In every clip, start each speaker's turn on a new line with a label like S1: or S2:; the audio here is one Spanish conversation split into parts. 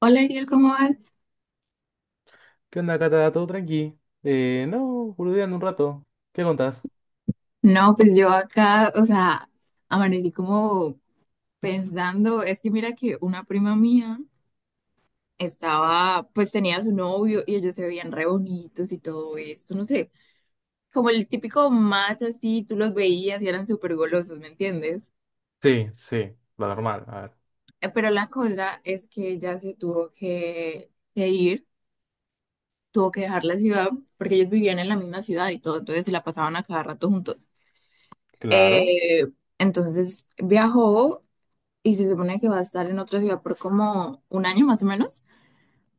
S1: Hola Ariel, ¿cómo vas?
S2: ¿Qué onda, Cata? ¿Todo tranqui? No, boludeando un rato. ¿Qué contás?
S1: No, pues yo acá, o sea, amanecí como pensando, es que mira que una prima mía estaba, pues tenía a su novio y ellos se veían re bonitos y todo esto, no sé, como el típico match así, tú los veías y eran súper golosos, ¿me entiendes?
S2: Sí, sí, lo normal. A ver.
S1: Pero la cosa es que ella se tuvo que ir, tuvo que dejar la ciudad, porque ellos vivían en la misma ciudad y todo, entonces se la pasaban a cada rato juntos.
S2: Claro.
S1: Eh, entonces viajó y se supone que va a estar en otra ciudad por como un año más o menos,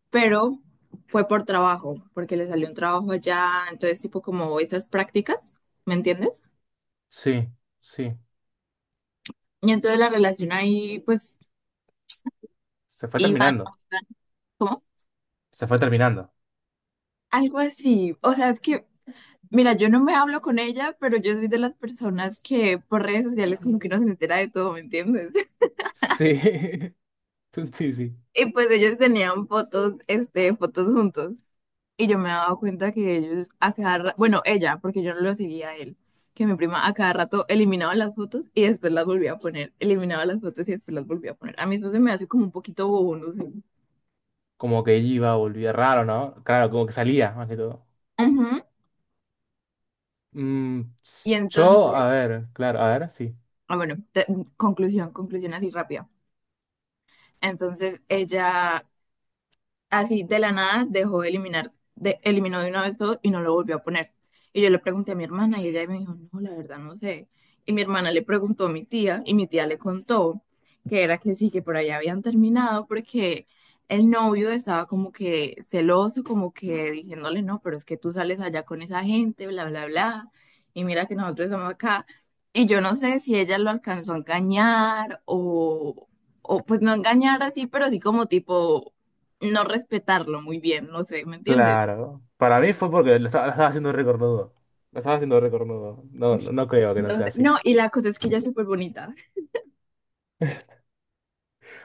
S1: pero fue por trabajo, porque le salió un trabajo allá, entonces tipo como esas prácticas, ¿me entiendes?
S2: Sí, sí.
S1: Y entonces la relación ahí pues
S2: Se fue
S1: iba,
S2: terminando.
S1: ¿no? Iba, ¿cómo?
S2: Se fue terminando.
S1: Algo así, o sea, es que, mira, yo no me hablo con ella, pero yo soy de las personas que por redes sociales como que no se entera de todo, ¿me entiendes?
S2: Sí, sí, sí.
S1: Y pues ellos tenían fotos, este, fotos juntos. Y yo me daba cuenta que ellos a cada rato, bueno, ella, porque yo no lo seguía a él, que mi prima a cada rato eliminaba las fotos y después las volvía a poner, eliminaba las fotos y después las volvía a poner. A mí eso se me hace como un poquito bobo, no sé.
S2: Como que iba, volvía raro, ¿no? Claro, como que salía, más que todo.
S1: Ujú. Y
S2: Yo,
S1: entonces,
S2: a ver, claro, a ver, sí.
S1: ah, bueno, conclusión, conclusión así rápida. Entonces ella así de la nada dejó de eliminar, de, eliminó de una vez todo y no lo volvió a poner. Y yo le pregunté a mi hermana y ella me dijo, no, la verdad no sé. Y mi hermana le preguntó a mi tía y mi tía le contó que era que sí, que por allá habían terminado porque el novio estaba como que celoso, como que diciéndole, no, pero es que tú sales allá con esa gente, bla, bla, bla. Y mira que nosotros estamos acá. Y yo no sé si ella lo alcanzó a engañar o pues no engañar así, pero sí como tipo no respetarlo muy bien, no sé, ¿me entiendes?
S2: Claro. Para mí fue porque lo estaba haciendo recornudo. Lo estaba haciendo recornudo. No, no, no creo que no sea
S1: Entonces,
S2: así.
S1: no, y la cosa es que ella es súper bonita,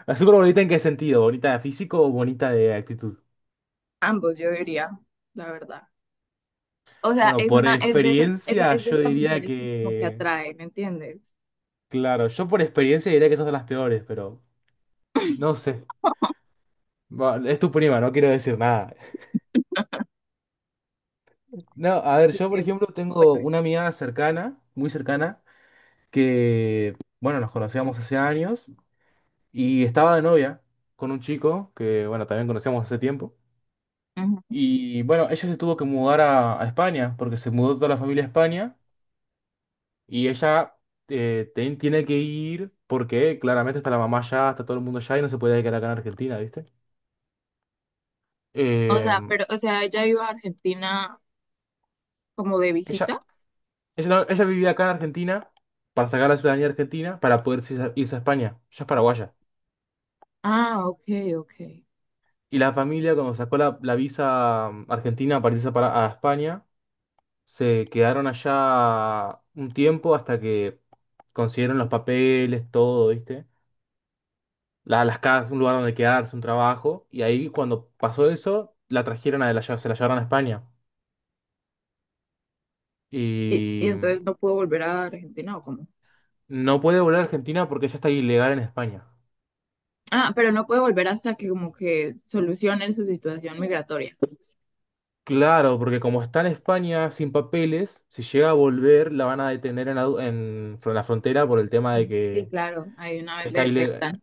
S2: ¿La súper bonita en qué sentido? ¿Bonita de físico o bonita de actitud?
S1: ambos yo diría, la verdad. O sea,
S2: Bueno,
S1: es
S2: por
S1: una,
S2: experiencia
S1: es de
S2: yo
S1: esas
S2: diría
S1: mujeres que como que
S2: que,
S1: atraen, ¿me entiendes?
S2: claro, yo por experiencia diría que esas son las peores, pero no sé. Va, es tu prima, no quiero decir nada. No, a ver, yo por
S1: Porque,
S2: ejemplo tengo
S1: bueno,
S2: una amiga cercana, muy cercana, que, bueno, nos conocíamos hace años y estaba de novia con un chico que, bueno, también conocíamos hace tiempo.
S1: ujú.
S2: Y bueno, ella se tuvo que mudar a España porque se mudó toda la familia a España. Y ella tiene que ir porque claramente está la mamá allá, está todo el mundo allá y no se puede quedar acá en Argentina, ¿viste?
S1: O
S2: Eh,
S1: sea, pero, o sea, ella iba a Argentina como de
S2: ella,
S1: visita.
S2: ella, no- Ella vivía acá en Argentina para sacar la ciudadanía argentina para poder irse irse a España. Ella es paraguaya.
S1: Ah, ok, ok.
S2: Y la familia, cuando sacó la visa argentina para irse a España, se quedaron allá un tiempo hasta que consiguieron los papeles, todo, ¿viste? Las casas, un lugar donde quedarse, un trabajo. Y ahí cuando pasó eso, la trajeron a se la llevaron a España.
S1: Y
S2: Y
S1: entonces no pudo volver a Argentina o cómo.
S2: no puede volver a Argentina porque ya está ilegal en España.
S1: Ah, pero no puede volver hasta que como que solucionen su situación migratoria.
S2: Claro, porque como está en España sin papeles, si llega a volver, la van a detener en, la du- en fr- la frontera por el tema de
S1: Sí, sí,
S2: que
S1: claro, ahí una vez le
S2: está ilegal.
S1: detectan.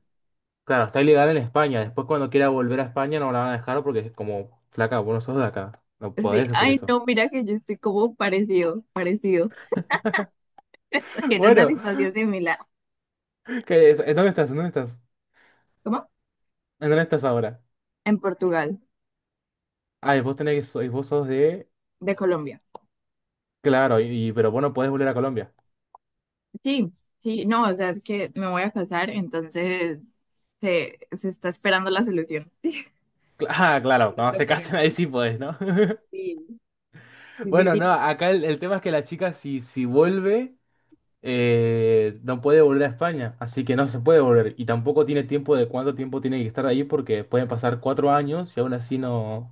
S2: Claro, está ilegal en España. Después cuando quiera volver a España no la van a dejar porque es como, flaca, vos no sos de acá. No
S1: Sí,
S2: podés hacer
S1: ay,
S2: eso.
S1: no, mira que yo estoy como parecido, parecido. Estoy en una
S2: Bueno,
S1: situación similar.
S2: ¿dónde estás? ¿Dónde estás?
S1: ¿Cómo?
S2: ¿En ¿Dónde estás ahora?
S1: En Portugal,
S2: Ah, y vos tenés que, y vos sos de.
S1: de Colombia.
S2: Claro, pero vos no podés volver a Colombia.
S1: Sí, sí, no, o sea, es que me voy a casar, entonces se está esperando la solución.
S2: Ah, claro,
S1: Los
S2: cuando se casen ahí
S1: documentos.
S2: sí podés, ¿no?
S1: Sí, sí, sí,
S2: Bueno,
S1: sí.
S2: no,
S1: No.
S2: acá el tema es que la chica si vuelve, no puede volver a España, así que no se puede volver. Y tampoco tiene tiempo de cuánto tiempo tiene que estar ahí porque pueden pasar 4 años y aún así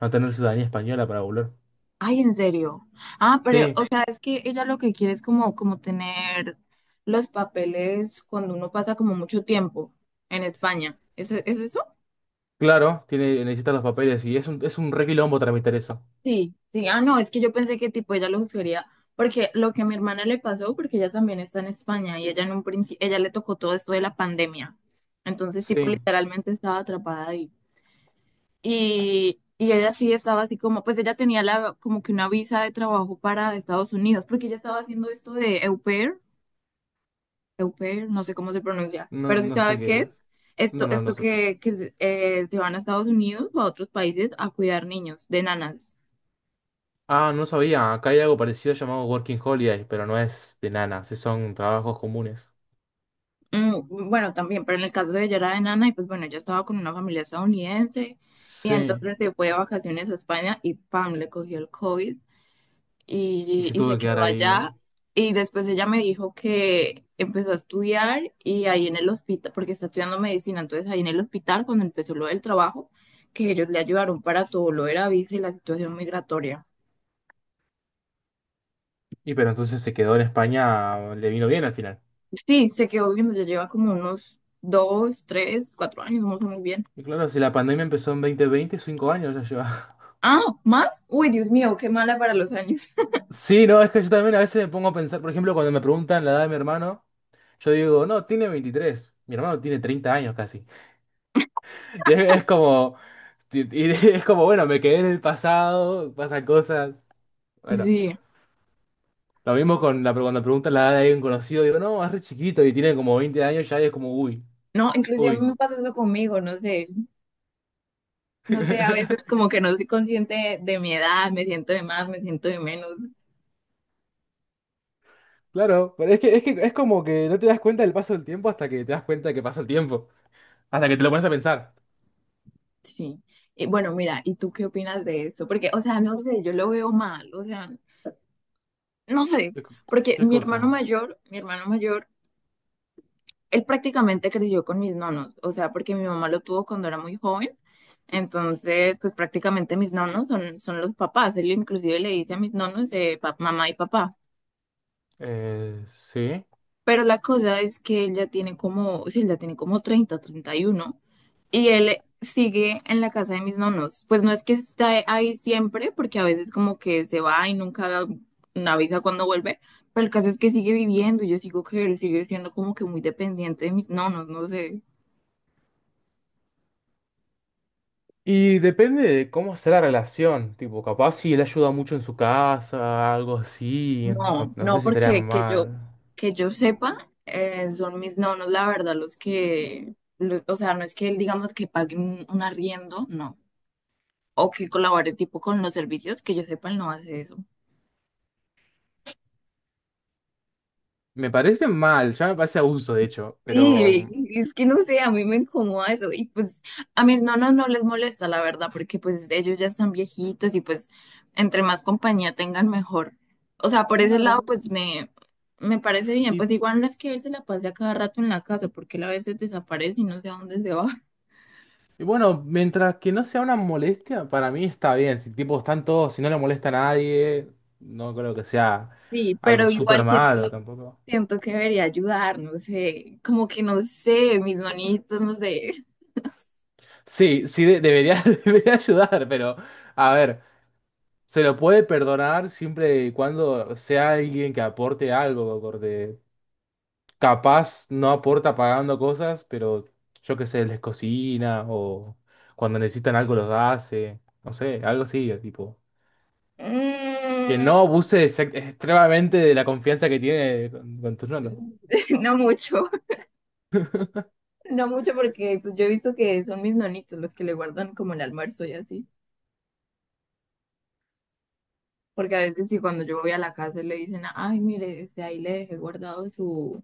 S2: no tener ciudadanía española para volver.
S1: Ay, en serio. Ah, pero, o
S2: Sí,
S1: sea, es que ella lo que quiere es como, como tener los papeles cuando uno pasa como mucho tiempo en España. Es eso?
S2: claro, tiene, necesita los papeles y es es un re quilombo tramitar eso.
S1: Sí, sí, ah, no, es que yo pensé que tipo ella lo juzgaría, porque lo que a mi hermana le pasó, porque ella también está en España y ella en un principio, ella le tocó todo esto de la pandemia, entonces tipo
S2: Sí,
S1: literalmente estaba atrapada ahí. Y ella sí estaba así como, pues ella tenía la, como que una visa de trabajo para Estados Unidos, porque ella estaba haciendo esto de au pair, no sé cómo se pronuncia,
S2: no,
S1: pero si
S2: no sé
S1: sabes qué
S2: qué es.
S1: es,
S2: No,
S1: esto,
S2: no, no
S1: esto
S2: sé qué.
S1: que se se van a Estados Unidos o a otros países a cuidar niños de nanas.
S2: Ah, no sabía. Acá hay algo parecido llamado Working Holiday, pero no es de nanas, sí son trabajos comunes.
S1: Mm, mm, bueno, también, pero en el caso de ella era enana y pues bueno, ella estaba con una familia estadounidense y
S2: Sí,
S1: entonces se fue de vacaciones a España y pam, le cogió el COVID
S2: y se
S1: y
S2: tuvo
S1: se
S2: que quedar
S1: quedó
S2: ahí.
S1: allá. Y después ella me dijo que empezó a estudiar y ahí en el hospital, porque está estudiando medicina, entonces ahí en el hospital cuando empezó lo del trabajo, que ellos le ayudaron para todo lo de la visa y la situación migratoria.
S2: Y pero entonces se quedó en España, le vino bien al final.
S1: Sí, se quedó viviendo, ya lleva como unos dos, tres, cuatro años, no sé muy bien.
S2: Y claro, si la pandemia empezó en 2020, 5 años ya lleva.
S1: Ah, ¿más? Uy, Dios mío, qué mala para los años.
S2: Sí, no, es que yo también a veces me pongo a pensar, por ejemplo, cuando me preguntan la edad de mi hermano, yo digo, no, tiene 23. Mi hermano tiene 30 años casi. Y es como, y es como, bueno, me quedé en el pasado, pasan cosas. Bueno.
S1: Sí.
S2: Lo mismo con la, cuando preguntas la edad de alguien conocido, digo, no, es re chiquito y tiene como 20 años, ya es como, uy,
S1: No, inclusive a mí
S2: uy.
S1: me pasa eso conmigo, no sé. No sé, a veces como que no soy consciente de mi edad, me siento de más, me siento de menos.
S2: Claro, pero es que, es que es como que no te das cuenta del paso del tiempo hasta que te das cuenta que pasa el tiempo, hasta que te lo pones a pensar.
S1: Sí. Y bueno, mira, ¿y tú qué opinas de eso? Porque, o sea, no sé, yo lo veo mal, o sea, no sé,
S2: ¿Qué, co-
S1: porque
S2: ¿qué
S1: mi hermano
S2: cosa?
S1: mayor, mi hermano mayor él prácticamente creció con mis nonos, o sea, porque mi mamá lo tuvo cuando era muy joven, entonces, pues prácticamente mis nonos son, son los papás, él inclusive le dice a mis nonos mamá y papá,
S2: Eh, sí.
S1: pero la cosa es que él ya tiene como, sí, él ya tiene como 30, 31, y uno, y él sigue en la casa de mis nonos, pues no es que está ahí siempre, porque a veces como que se va y nunca avisa cuando vuelve, pero el caso es que sigue viviendo y yo sigo que él sigue siendo como que muy dependiente de mis nonos, no sé.
S2: Y depende de cómo sea la relación, tipo, capaz si él ayuda mucho en su casa, algo así,
S1: No,
S2: no
S1: no,
S2: sé si estaría
S1: porque
S2: mal.
S1: que yo sepa, son mis nonos, la verdad, los que, lo- o sea, no es que él, digamos, que pague un arriendo, no, o que colabore tipo con los servicios, que yo sepa, él no hace eso.
S2: Me parece mal, ya me parece abuso, de hecho, pero...
S1: Sí,
S2: mm,
S1: es que no sé, a mí me incomoda eso y pues a mis nonos no les molesta la verdad porque pues ellos ya están viejitos y pues entre más compañía tengan mejor. O sea, por ese lado
S2: Claro.
S1: pues me parece bien, pues igual no es que él se la pase a cada rato en la casa porque él a veces desaparece y no sé a dónde se va.
S2: Y bueno, mientras que no sea una molestia, para mí está bien. Si tipo están todos, si no le molesta a nadie, no creo que sea
S1: Sí,
S2: algo
S1: pero
S2: súper
S1: igual
S2: malo
S1: siento,
S2: tampoco.
S1: siento que debería ayudar, no sé, como que no sé, mis manitos, no sé,
S2: Sí, sí, debería, debería ayudar, pero a ver, se lo puede perdonar siempre y cuando sea alguien que aporte algo, porque capaz no aporta pagando cosas, pero yo qué sé, les cocina o cuando necesitan algo los hace, no sé, algo así, tipo. Que
S1: mm,
S2: no abuse extremadamente de la confianza que tiene con tus notas.
S1: no mucho. No mucho porque pues, yo he visto que son mis nonitos los que le guardan como el almuerzo y así. Porque a veces si cuando yo voy a la casa le dicen, ay, mire, este, ahí le dejé guardado su,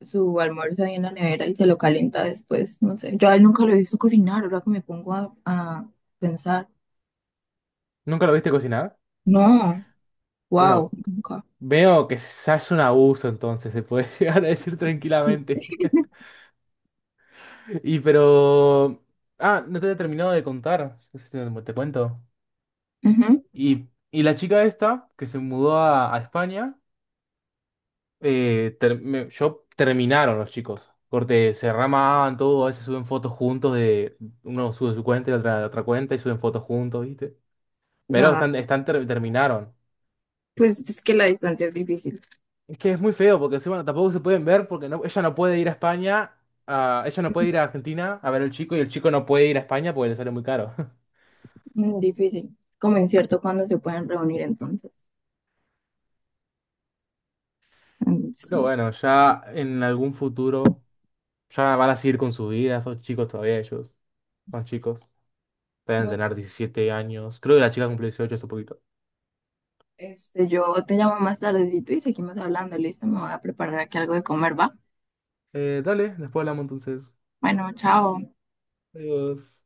S1: su almuerzo ahí en la nevera y se lo calienta después. No sé, yo a él nunca lo he visto cocinar, ahora que me pongo a pensar.
S2: ¿Nunca lo viste cocinar?
S1: No, wow,
S2: Bueno,
S1: nunca.
S2: veo que se hace un abuso entonces, se puede llegar a decir
S1: Sí.
S2: tranquilamente. Y pero... Ah, no te he terminado de contar, no sé si te, te cuento.
S1: Ujú.
S2: Y la chica esta, que se mudó a España, yo terminaron los chicos. Corte, se ramaban todo, a veces suben fotos juntos de... Uno sube su cuenta y la otra cuenta y suben fotos juntos, ¿viste? Pero
S1: Ah,
S2: están, terminaron.
S1: pues es que la distancia es difícil.
S2: Es que es muy feo porque encima tampoco se pueden ver porque no, ella no puede ir a España, ah, ella no puede ir a Argentina a ver al chico y el chico no puede ir a España porque le sale muy caro.
S1: Mm, difícil. Como incierto cuando se pueden reunir entonces. Mm, sí.
S2: Pero bueno, ya en algún futuro ya van a seguir con su vida, son chicos todavía ellos, son chicos, deben tener 17 años. Creo que la chica cumplió 18 hace poquito.
S1: Este, yo te llamo más tardecito y seguimos hablando, listo, me voy a preparar aquí algo de comer, ¿va?
S2: Dale, después hablamos entonces.
S1: Bueno, chao.
S2: Adiós.